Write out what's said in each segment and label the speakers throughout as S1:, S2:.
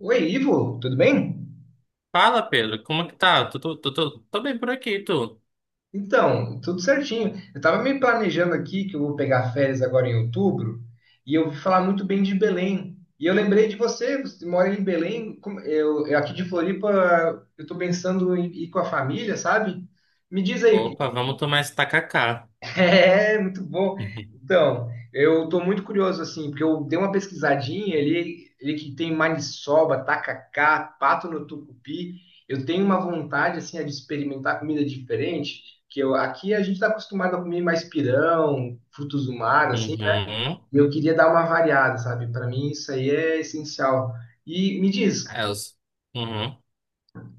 S1: Oi, Ivo, tudo bem?
S2: Fala, Pedro, como é que tá? Tô bem por aqui, tu.
S1: Então, tudo certinho. Eu estava me planejando aqui que eu vou pegar férias agora em outubro e eu ouvi falar muito bem de Belém. E eu lembrei de você, você mora em Belém, eu aqui de Floripa, eu estou pensando em ir com a família, sabe? Me diz aí.
S2: Opa, vamos tomar esse tacacá.
S1: É, muito bom. Então, eu tô muito curioso, assim, porque eu dei uma pesquisadinha, ele que tem maniçoba, tacacá, pato no tucupi, eu tenho uma vontade, assim, de experimentar comida diferente, que eu, aqui a gente tá acostumado a comer mais pirão, frutos do mar, assim,
S2: Uhum.
S1: né?
S2: Uhum.
S1: E eu queria dar uma variada, sabe? Para mim isso aí é essencial. E me diz,
S2: É, eu, s- uhum.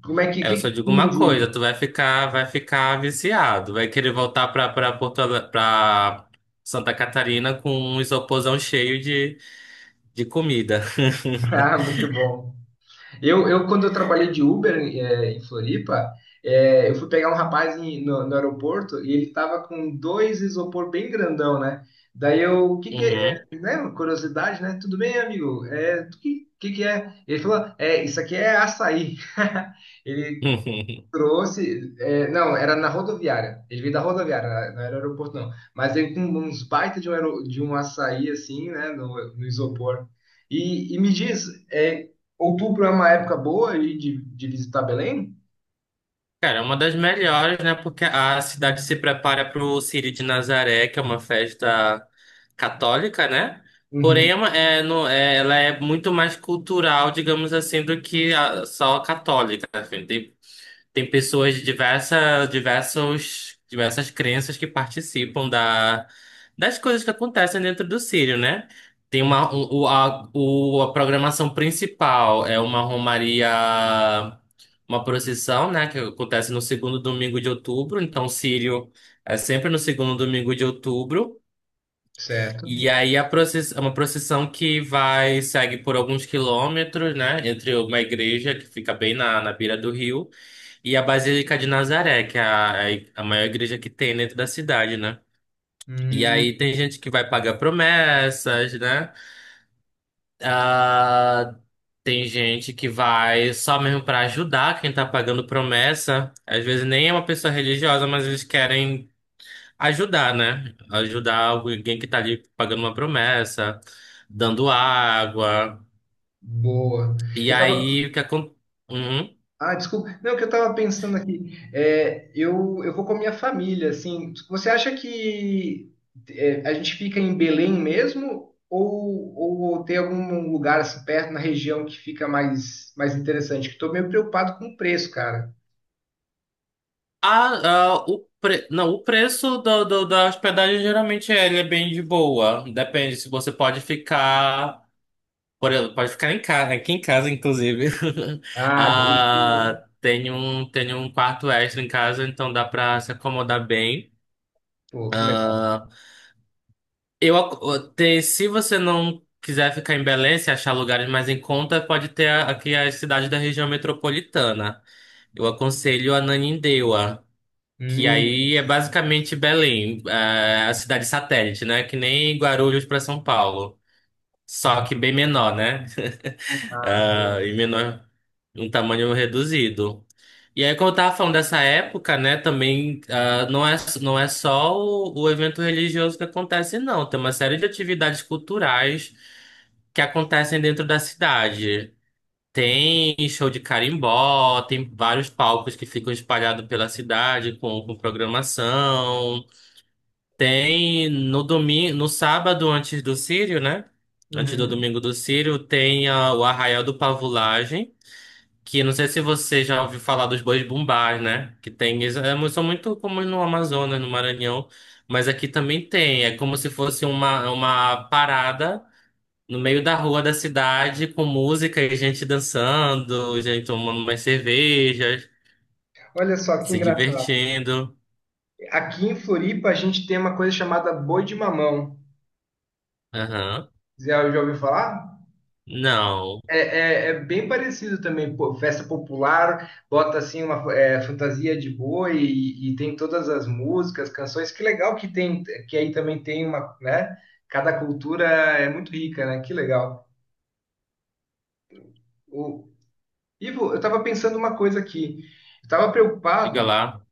S1: como é que, o
S2: É, eu
S1: que que
S2: só digo
S1: tu me
S2: uma
S1: diz?
S2: coisa, tu vai ficar viciado, vai querer voltar pra Santa Catarina com um isoporzão cheio de comida.
S1: Ah, muito bom. Quando eu trabalhei de Uber em Floripa, eu fui pegar um rapaz no aeroporto e ele tava com dois isopor bem grandão, né? Daí eu, o que que
S2: Uhum.
S1: é, né? Curiosidade, né? Tudo bem, amigo? É, o que, que é? Ele falou, é, isso aqui é açaí. Ele trouxe, é, não, era na rodoviária. Ele veio da rodoviária, não era aeroporto, não. Mas veio com uns baita de um, de um açaí, assim, né, no isopor. E me diz, é, outubro é uma época boa aí de visitar Belém?
S2: Cara, é uma das melhores, né? Porque a cidade se prepara para o Círio de Nazaré, que é uma festa católica, né? Porém,
S1: Uhum.
S2: ela é muito mais cultural, digamos assim, do que só a católica, né? Tem pessoas de diversas crenças que participam das coisas que acontecem dentro do Círio, né? Tem uma, o, a programação principal, é uma romaria, uma procissão, né? Que acontece no segundo domingo de outubro. Então, o Círio é sempre no segundo domingo de outubro.
S1: Certo.
S2: E aí, a procissão, é uma procissão que vai, segue por alguns quilômetros, né? Entre uma igreja que fica bem na beira do rio e a Basílica de Nazaré, que é a maior igreja que tem dentro da cidade, né? E
S1: Hum,
S2: aí tem gente que vai pagar promessas, né? Ah, tem gente que vai só mesmo para ajudar quem tá pagando promessa. Às vezes nem é uma pessoa religiosa, mas eles querem ajudar, né? Ajudar alguém que tá ali pagando uma promessa, dando água.
S1: boa.
S2: E aí o que acontece?
S1: Ah, desculpa. Não, o que eu tava pensando aqui. Eu vou com a minha família, assim. Você acha que é, a gente fica em Belém mesmo? Ou tem algum lugar assim perto na região que fica mais, mais interessante? Que eu tô meio preocupado com o preço, cara.
S2: Não, o preço da hospedagem geralmente ele é bem de boa. Depende se você pode ficar. Por exemplo, pode ficar em casa, aqui em casa, inclusive.
S1: Ah, Belém.
S2: Ah, tem um quarto extra em casa, então dá pra se acomodar bem.
S1: Pô, que legal.
S2: Ah, se você não quiser ficar em Belém, se achar lugares mais em conta, pode ter aqui as cidades da região metropolitana. Eu aconselho a Ananindeua. Que aí
S1: Hum,
S2: é basicamente Belém, a cidade satélite, né? Que nem Guarulhos para São Paulo. Só
S1: hum.
S2: que bem menor, né?
S1: Ah,
S2: Ah,
S1: boa.
S2: e menor, um tamanho reduzido. E aí, como eu tava falando dessa época, né? Também, ah, não é só o evento religioso que acontece, não. Tem uma série de atividades culturais que acontecem dentro da cidade. Tem show de carimbó, tem vários palcos que ficam espalhados pela cidade com programação. Tem no domingo, no sábado antes do Círio, né? Antes do
S1: Uhum.
S2: domingo do Círio, tem, ah, o Arraial do Pavulagem, que não sei se você já ouviu falar dos bois bumbás, né? Que tem, eles, são muito comuns no Amazonas, no Maranhão, mas aqui também tem. É como se fosse uma parada no meio da rua da cidade com música e gente dançando, gente tomando umas cervejas,
S1: Olha só que
S2: se
S1: engraçado.
S2: divertindo.
S1: Aqui em Floripa a gente tem uma coisa chamada boi de mamão.
S2: Aham.
S1: Zé, já ouviu falar?
S2: Não,
S1: É, é bem parecido também, pô, festa popular, bota assim uma fantasia de boi e tem todas as músicas, canções. Que legal que tem, que aí também tem uma, né? Cada cultura é muito rica, né? Que legal. O, Ivo, eu estava pensando uma coisa aqui. Eu tava
S2: diga
S1: preocupado
S2: lá.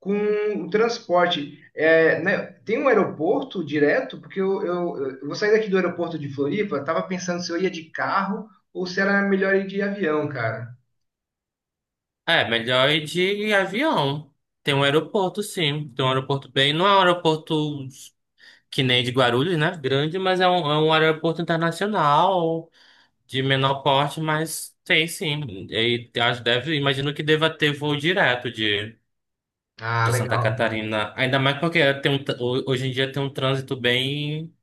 S1: com o transporte. É, né, tem um aeroporto direto? Porque eu vou sair daqui do aeroporto de Floripa, estava pensando se eu ia de carro ou se era melhor ir de avião, cara.
S2: É, melhor ir de avião. Tem um aeroporto, sim. Tem um aeroporto bem. Não é um aeroporto que nem de Guarulhos, né? Grande, mas é um aeroporto internacional, de menor porte, mas tem sim. E acho, deve, imagino que deva ter voo direto de,
S1: Ah,
S2: de Santa
S1: legal.
S2: Catarina. Ainda mais porque tem um, tr- ho- hoje em dia tem um trânsito bem,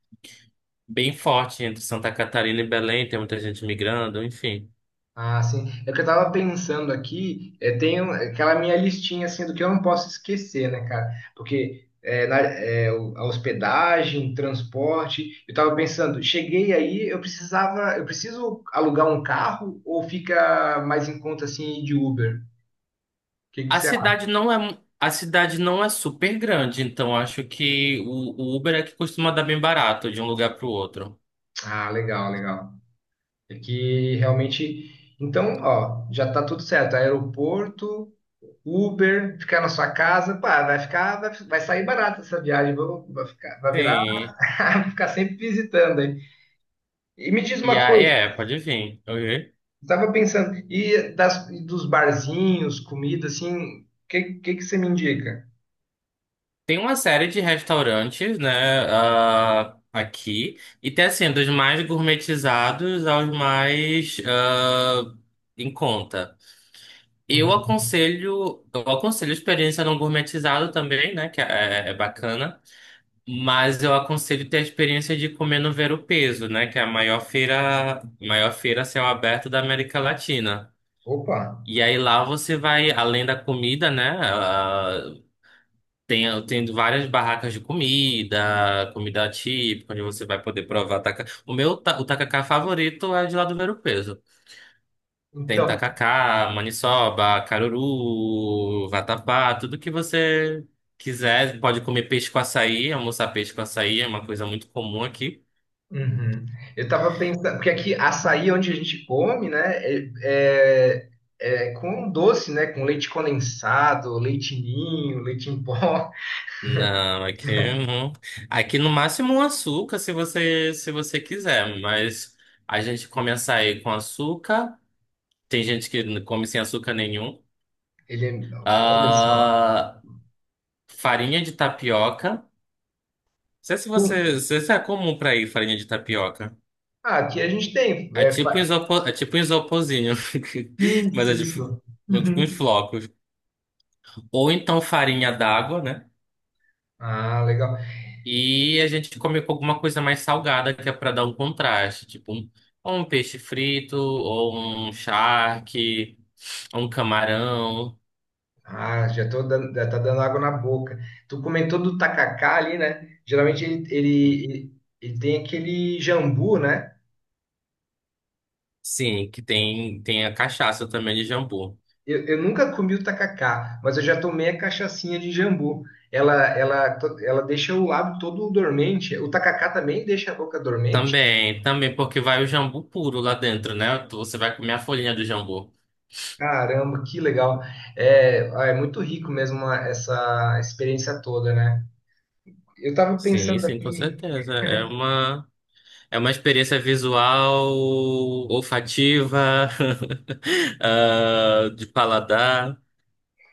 S2: bem forte entre Santa Catarina e Belém, tem muita gente migrando, enfim.
S1: Ah, sim. É o que eu tava pensando aqui, é, aquela minha listinha assim do que eu não posso esquecer, né, cara? Porque é, a hospedagem, transporte, eu tava pensando, cheguei aí, eu preciso alugar um carro ou fica mais em conta assim ir de Uber? O que que
S2: A
S1: você acha?
S2: cidade não é, a cidade não é super grande, então acho que o Uber é que costuma dar bem barato de um lugar pro outro.
S1: Ah, legal, legal. É que realmente, então, ó, já tá tudo certo. Aeroporto, Uber, ficar na sua casa, pá, vai ficar, vai sair barato essa viagem, vai ficar, vai virar.
S2: Sim.
S1: Ficar sempre visitando aí. E me diz
S2: E
S1: uma
S2: a,
S1: coisa,
S2: é, pode vir. Uhum.
S1: estava pensando, e dos barzinhos, comida, assim, que você me indica?
S2: Tem uma série de restaurantes, né, ah, aqui. E tem assim, dos mais gourmetizados aos mais, ah, em conta. Eu
S1: Uhum.
S2: aconselho, eu aconselho a experiência não gourmetizado também, né, que é bacana. Mas eu aconselho ter a experiência de comer no Ver-o-Peso, né? Que é a maior feira a céu aberto da América Latina.
S1: Opa,
S2: E aí lá você vai, além da comida, né, ah, tem várias barracas de comida, comida típica, onde você vai poder provar tacacá. O tacacá favorito é de lá do Ver-o-Peso. Tem
S1: então,
S2: tacacá, maniçoba, caruru, vatapá, tudo que você quiser. Pode comer peixe com açaí, almoçar peixe com açaí, é uma coisa muito comum aqui.
S1: uhum. Eu tava pensando, porque aqui açaí é onde a gente come, né, é, é, é com doce, né, com leite condensado, leite ninho, leite em pó,
S2: Não, não- aqui no máximo um açúcar, se você quiser, mas a gente come açaí com açúcar, tem gente que não come sem açúcar nenhum.
S1: ele é, olha só.
S2: Ah, farinha de tapioca. Não sei se
S1: Hum.
S2: você, não sei se isso é comum pra ir farinha de tapioca.
S1: Ah, aqui a gente tem,
S2: É
S1: é,
S2: tipo um isopo- é tipo um isoporzinho, mas
S1: isso,
S2: é, de,
S1: isso.
S2: é tipo uns
S1: Uhum.
S2: flocos. Ou então farinha d'água, né?
S1: Ah, legal.
S2: E a gente come com alguma coisa mais salgada, que é para dar um contraste, ou um peixe frito, ou um charque, ou um camarão.
S1: Ah, já tô dando, já tá dando água na boca. Tu comentou do tacacá ali, né? Geralmente ele tem aquele jambu, né?
S2: Sim, que tem a cachaça também de jambu.
S1: Eu nunca comi o tacacá, mas eu já tomei a cachaçinha de jambu. Ela deixa o lábio todo dormente. O tacacá também deixa a boca dormente?
S2: Também, também, porque vai o jambu puro lá dentro, né? Você vai comer a folhinha do jambu.
S1: Caramba, que legal. É, ah, é muito rico mesmo essa experiência toda, né? Eu tava
S2: Sim,
S1: pensando
S2: sim, com
S1: aqui.
S2: certeza. É uma experiência visual, olfativa, ah, de paladar.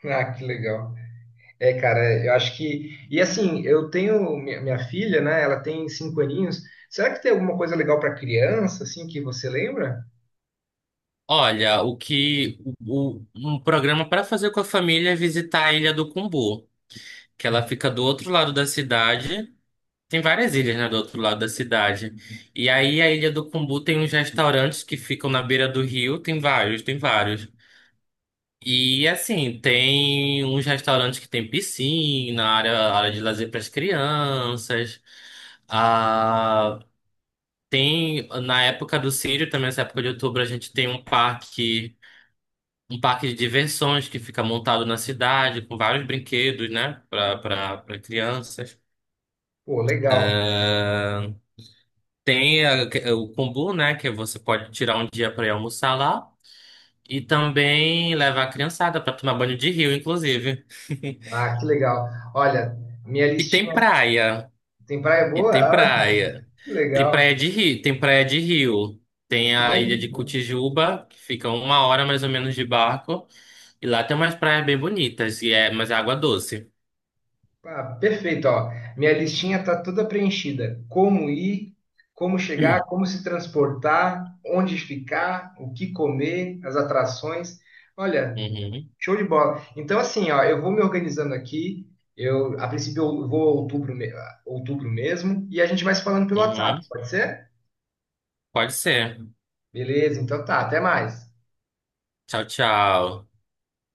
S1: Ah, que legal. É, cara, eu acho que. E assim, eu tenho minha filha, né? Ela tem 5 aninhos. Será que tem alguma coisa legal para criança, assim, que você lembra?
S2: Olha, o que o- um programa para fazer com a família é visitar a Ilha do Cumbu, que ela fica do outro lado da cidade. Tem várias ilhas, né, do outro lado da cidade. E aí a Ilha do Cumbu tem uns restaurantes que ficam na beira do rio, tem vários, tem vários. E assim, tem uns restaurantes que tem piscina, área de lazer para as crianças. Ah, tem na época do Círio, também nessa época de outubro, a gente tem um parque de diversões que fica montado na cidade, com vários brinquedos, né, para crianças.
S1: Pô, legal.
S2: Ah, tem o kombu, né, que você pode tirar um dia para ir almoçar lá. E também leva a criançada para tomar banho de rio, inclusive.
S1: Ah, que legal. Olha, minha
S2: E tem
S1: listinha
S2: praia.
S1: tem praia
S2: E
S1: boa?
S2: tem
S1: Ah,
S2: praia.
S1: que
S2: Tem praia
S1: legal.
S2: de rio, tem praia de rio. Tem a ilha
S1: Show.
S2: de Cotijuba, que fica uma hora mais ou menos de barco. E lá tem umas praias bem bonitas, mas é água doce.
S1: Ah, perfeito, ó. Minha listinha tá toda preenchida. Como ir, como chegar, como se transportar, onde ficar, o que comer, as atrações. Olha,
S2: Uhum.
S1: show de bola. Então, assim, ó, eu vou me organizando aqui. Eu, a princípio, eu vou a outubro, a outubro mesmo. E a gente vai se falando pelo WhatsApp,
S2: Uhum.
S1: pode ser?
S2: Pode ser.
S1: Beleza, então tá. Até mais.
S2: Tchau, tchau.